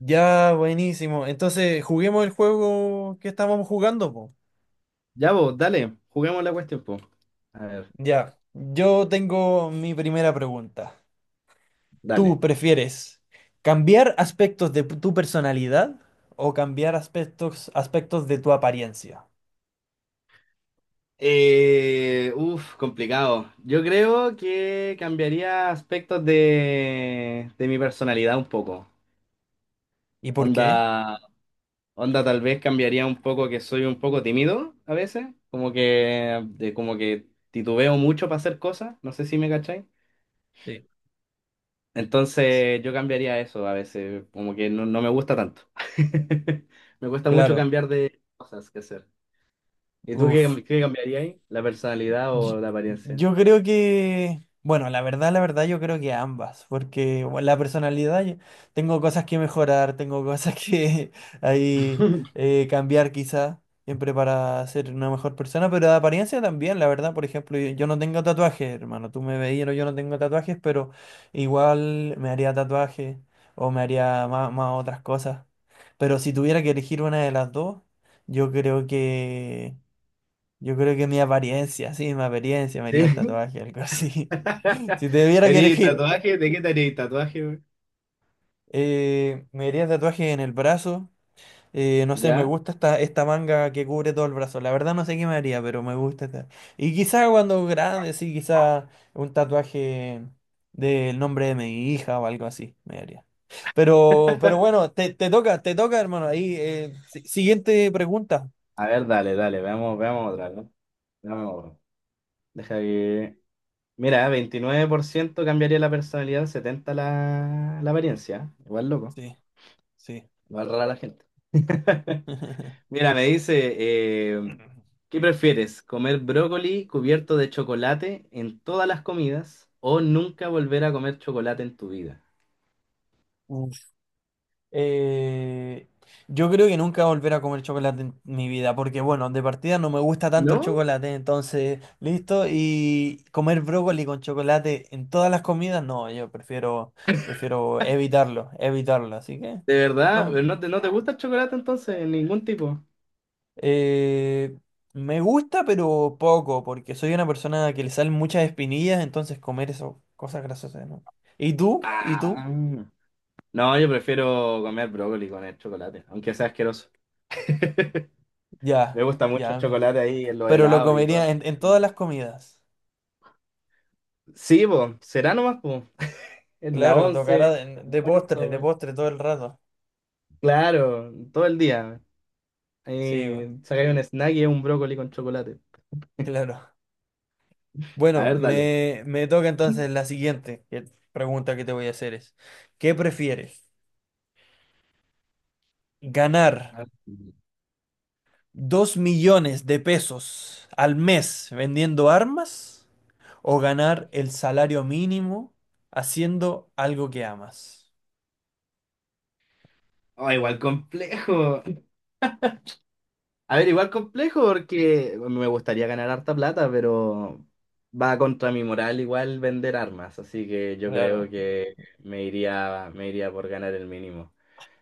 Ya, buenísimo. Entonces, juguemos el juego que estábamos jugando, po. Ya vos, dale, juguemos la cuestión, po. A ver, Ya, yo tengo mi primera pregunta. ¿Tú dale. prefieres cambiar aspectos de tu personalidad o cambiar aspectos de tu apariencia? Complicado. Yo creo que cambiaría aspectos de mi personalidad un poco. ¿Y por Onda, qué? onda tal vez cambiaría un poco que soy un poco tímido a veces, como que, como que titubeo mucho para hacer cosas, no sé si me cacháis. Sí. Entonces yo cambiaría eso a veces, como que no, no me gusta tanto. Me cuesta mucho Claro. cambiar de cosas que hacer. ¿Y tú qué, Uf. Qué cambiaría ahí? ¿La personalidad Yo o la apariencia? yo creo que, bueno, la verdad, yo creo que ambas, porque bueno, la personalidad, tengo cosas que mejorar, tengo cosas que ahí cambiar quizá, siempre para ser una mejor persona, pero de apariencia también, la verdad, por ejemplo, yo no tengo tatuajes, hermano, tú me veías, no, yo no tengo tatuajes, pero igual me haría tatuajes o me haría más otras cosas, pero si tuviera que elegir una de las dos, yo creo que... Yo creo que mi apariencia, sí, mi apariencia, me haría un Sí. tatuaje, algo así. Si te tuviera que ¿Tenéis elegir, tatuaje? ¿De qué tenéis tatuaje, güey? Me haría tatuaje en el brazo. No sé, me ¿Ya? gusta esta, esta manga que cubre todo el brazo. La verdad no sé qué me haría, pero me gusta esta. Y quizá cuando grande, sí, quizá un tatuaje del nombre de mi hija o algo así me haría. Pero bueno, te toca, te toca, hermano. Ahí, siguiente pregunta. A ver, dale, dale, veamos otra, ¿no? Veamos otra. Deja que... Mira, 29% cambiaría la personalidad, 70% la apariencia. Igual loco, Sí, sí. igual rara la gente. Mira, me dice, ¿qué prefieres? ¿Comer brócoli cubierto de chocolate en todas las comidas o nunca volver a comer chocolate en tu vida? Eh, yo creo que nunca volver a comer chocolate en mi vida, porque bueno, de partida no me gusta tanto el ¿No? chocolate, entonces, listo, y comer brócoli con chocolate en todas las comidas, no, yo prefiero, prefiero evitarlo, evitarlo, así que ¿De verdad? no, ¿No te, no te gusta el chocolate entonces? ¿En ningún tipo? eh, me gusta, pero poco, porque soy una persona que le salen muchas espinillas, entonces comer eso, cosas grasosas, ¿no? ¿Y tú? ¿Y tú? Ah. No, yo prefiero comer brócoli con el chocolate, aunque sea asqueroso. Me Ya, gusta mucho el ya, ok. chocolate ahí en los Pero lo helados y comería todo. en todas las comidas. Sí, po, será nomás, po. En la Claro, once, tocará de postre, almuerzo, de we. postre todo el rato. Claro, todo el día. Sí, bueno, Ahí sacáis un snack y es un brócoli con chocolate. claro. A Bueno, ver, dale. me toca entonces la siguiente pregunta que te voy a hacer es, ¿qué prefieres? ¿Ganar 2 millones de pesos al mes vendiendo armas o ganar el salario mínimo haciendo algo que amas? Ah, igual complejo. A ver, igual complejo porque me gustaría ganar harta plata, pero va contra mi moral igual vender armas, así que yo creo Claro, que me iría por ganar el mínimo,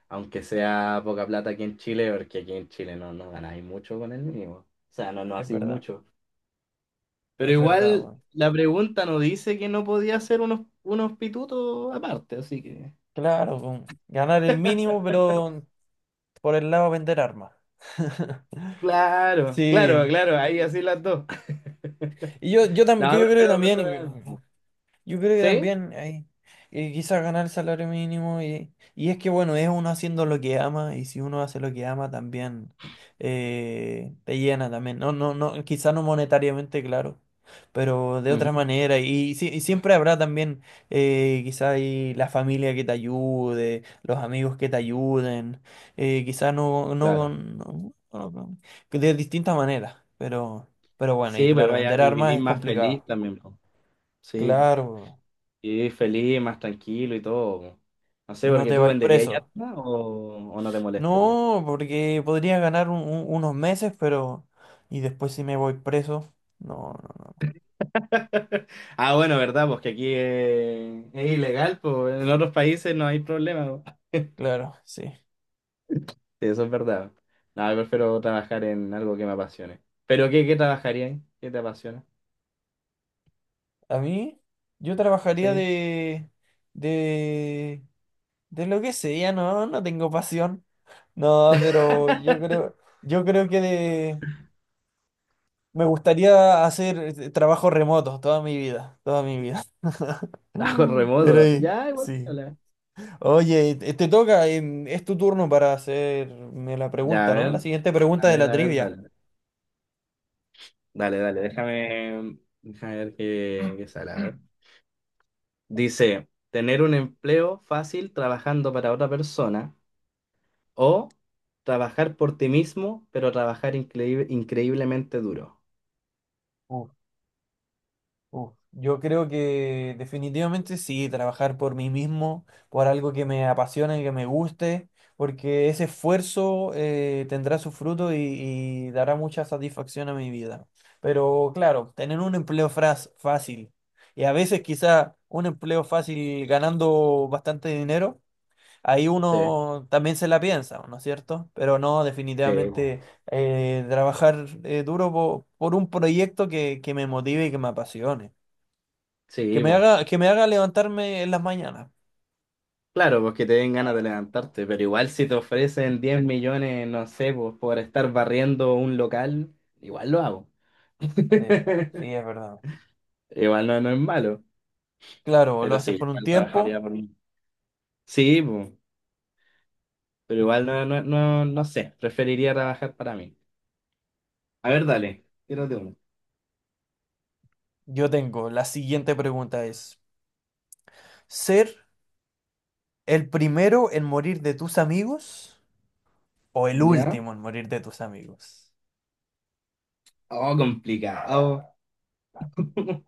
aunque sea poca plata aquí en Chile, porque aquí en Chile no, no ganáis mucho con el mínimo, o sea, no, no es hacéis verdad, mucho. Pero es verdad, igual bueno. la pregunta no dice que no podía hacer unos, unos pitutos aparte, así que... Claro, con ganar el mínimo, pero por el lado vender armas. Claro, claro, Sí. claro, ahí así las dos. Y yo, yo, tam- que No, yo creo que prefiero, también prefiero ganar. yo creo que ¿Sí? también hay quizás ganar el salario mínimo y es que bueno, es uno haciendo lo que ama y si uno hace lo que ama también te llena también. No, quizás no monetariamente, claro, pero de Ujú, otra manera y, si- y siempre habrá también quizás la familia que te ayude, los amigos que te ayuden, quizás no, no, claro. no- no- de distintas maneras, pero, pero bueno. Sí, pues Claro, vaya, vender y armas vivís es más feliz complicado. también, po. Sí, po. Claro. Y vivís feliz, más tranquilo y todo, po. No sé, Y no porque te tú vais venderías preso. yatma o no te molestaría. No, porque podría ganar unos meses, pero... Y después si me voy preso. No, no, no. Ah, bueno, ¿verdad? Pues que aquí es ilegal, pues en otros países no hay problema. Po. Claro, sí. Sí, eso es verdad. No, yo prefiero trabajar en algo que me apasione. ¿Pero qué, qué trabajarías? ¿Qué te apasiona? A mí, yo trabajaría Sí. de... De... De lo que sea, no, no tengo pasión. No, pero yo creo... Yo creo que de... Me gustaría hacer trabajo remoto toda mi vida, toda mi vida. Trabajo Pero remoto. Ya, igual. sí. Dale. Oye, te toca, es tu turno para hacerme la Ya, a pregunta, ¿no? La ver. siguiente pregunta A de ver, la a ver, trivia. dale. Dale, dale, déjame, déjame ver qué, qué sale. A ver. Dice, tener un empleo fácil trabajando para otra persona o trabajar por ti mismo, pero trabajar increíblemente duro. Uf, uf. Yo creo que definitivamente sí, trabajar por mí mismo, por algo que me apasione, que me guste, porque ese esfuerzo tendrá su fruto y dará mucha satisfacción a mi vida. Pero claro, tener un empleo fácil y a veces quizá un empleo fácil ganando bastante dinero ahí Sí. uno también se la piensa, ¿no es cierto? Pero no, Sí, bo. definitivamente trabajar duro por un proyecto que me motive y que me apasione, Sí, pues. Que me haga levantarme en las mañanas. Claro, porque te den ganas de levantarte, pero igual si te ofrecen 10 millones, no sé, pues por estar barriendo un local, igual lo hago. Sí, sí, es verdad. Igual no, no es malo, Claro, lo pero sí, haces por un igual tiempo. trabajaría por mí. Sí, pues, pero igual no, no, no, no sé, preferiría trabajar para mí. A ver, dale, tírate uno. Yo tengo, la siguiente pregunta es, ¿ser el primero en morir de tus amigos o el ¿Ya? último en morir de tus amigos? Oh, complicado.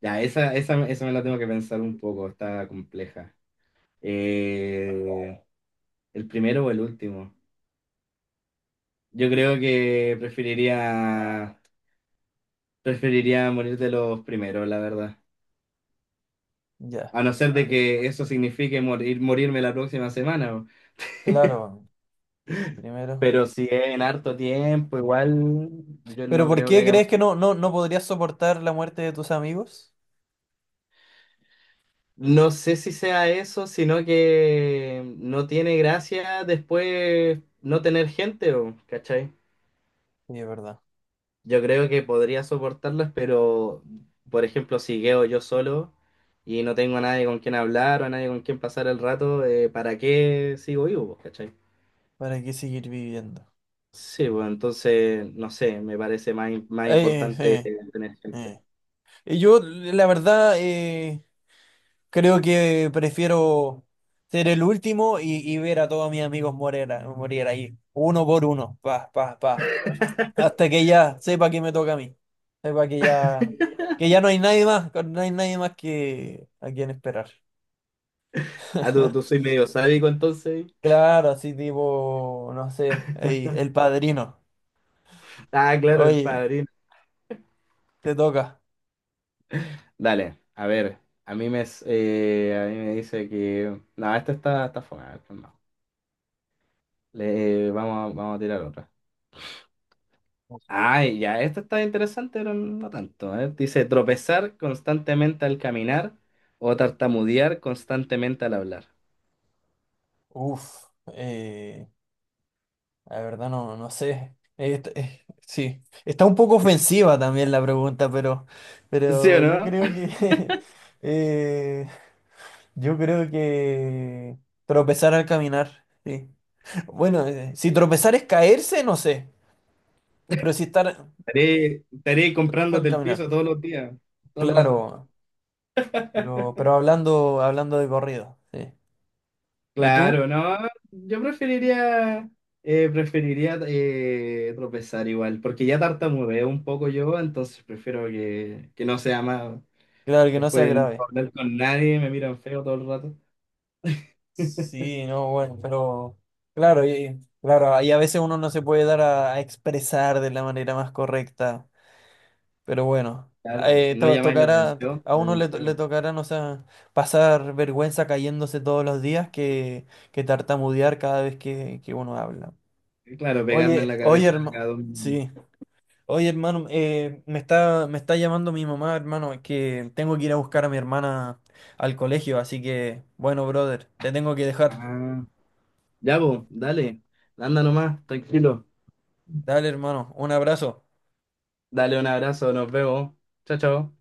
Ya, esa me la tengo que pensar un poco, está compleja. Eh, ¿El primero o el último? Yo creo que preferiría morir de los primeros, la verdad. Ya, A no ser de que eso signifique morir, morirme la próxima semana. O... claro, el primero. Pero si es en harto tiempo, igual yo ¿Pero no por creo que qué haya... crees que no podrías soportar la muerte de tus amigos? No sé si sea eso, sino que no tiene gracia después no tener gente, o, ¿cachai? Sí, es verdad. Yo creo que podría soportarlas, pero por ejemplo, si quedo yo solo y no tengo a nadie con quien hablar o a nadie con quien pasar el rato, ¿para qué sigo vivo, po, cachai? ¿Para qué seguir viviendo? Sí, pues entonces, no sé, me parece más, más Eh, importante eh, tener gente. eh. Y yo, la verdad, creo que prefiero ser el último y ver a todos mis amigos morir, morir ahí, uno por uno, pa, pa, pa, hasta que ya sepa que me toca a mí, sepa que ya no hay nadie más, que no hay nadie más que a quien esperar. Ah, tú soy medio sádico entonces. Claro, así tipo, no sé, ahí, el padrino. Ah, claro, el Oye, padrino. te toca. Dale, a ver, a mí me, a mí me dice que... No, esta está, está fome, a ver, pues no. Le, vamos, vamos a tirar otra. Ay, ya, esto está interesante, pero no tanto. A ver, dice tropezar constantemente al caminar o tartamudear constantemente al hablar. Uf, la verdad no, no sé. Sí, está un poco ofensiva también la pregunta, ¿Sí o pero yo no? creo que eh, yo creo que tropezar al caminar. Sí. Bueno, si tropezar es caerse, no sé, pero si estar Estaré, estaré tropezar al comprándote el caminar, piso todos los días, todo el rato. claro. Pero hablando, hablando de corrido, sí. ¿Y tú? Claro, no. Yo preferiría, preferiría tropezar igual, porque ya tartamudeo un poco yo, entonces prefiero que no sea más. Claro que no sea Después de no puedo grave. hablar con nadie, me miran feo todo el rato. Sí, no, bueno, pero claro, y, claro, y a veces uno no se puede dar a expresar de la manera más correcta, pero bueno, Claro, y no llamáis la tocará, atención, a uno le, pues, le feo. tocará, no sé, pasar vergüenza cayéndose todos los días que tartamudear cada vez que uno habla. Claro, pegarme en Oye, la oye, cabeza cada hermano, 2 minutos. sí, oye, hermano, me está llamando mi mamá, hermano, que tengo que ir a buscar a mi hermana al colegio, así que, bueno, brother, te tengo que dejar. Ah, ya, vos, dale. Anda nomás, tranquilo. Dale, hermano, un abrazo. Dale un abrazo, nos vemos. Chao, chao.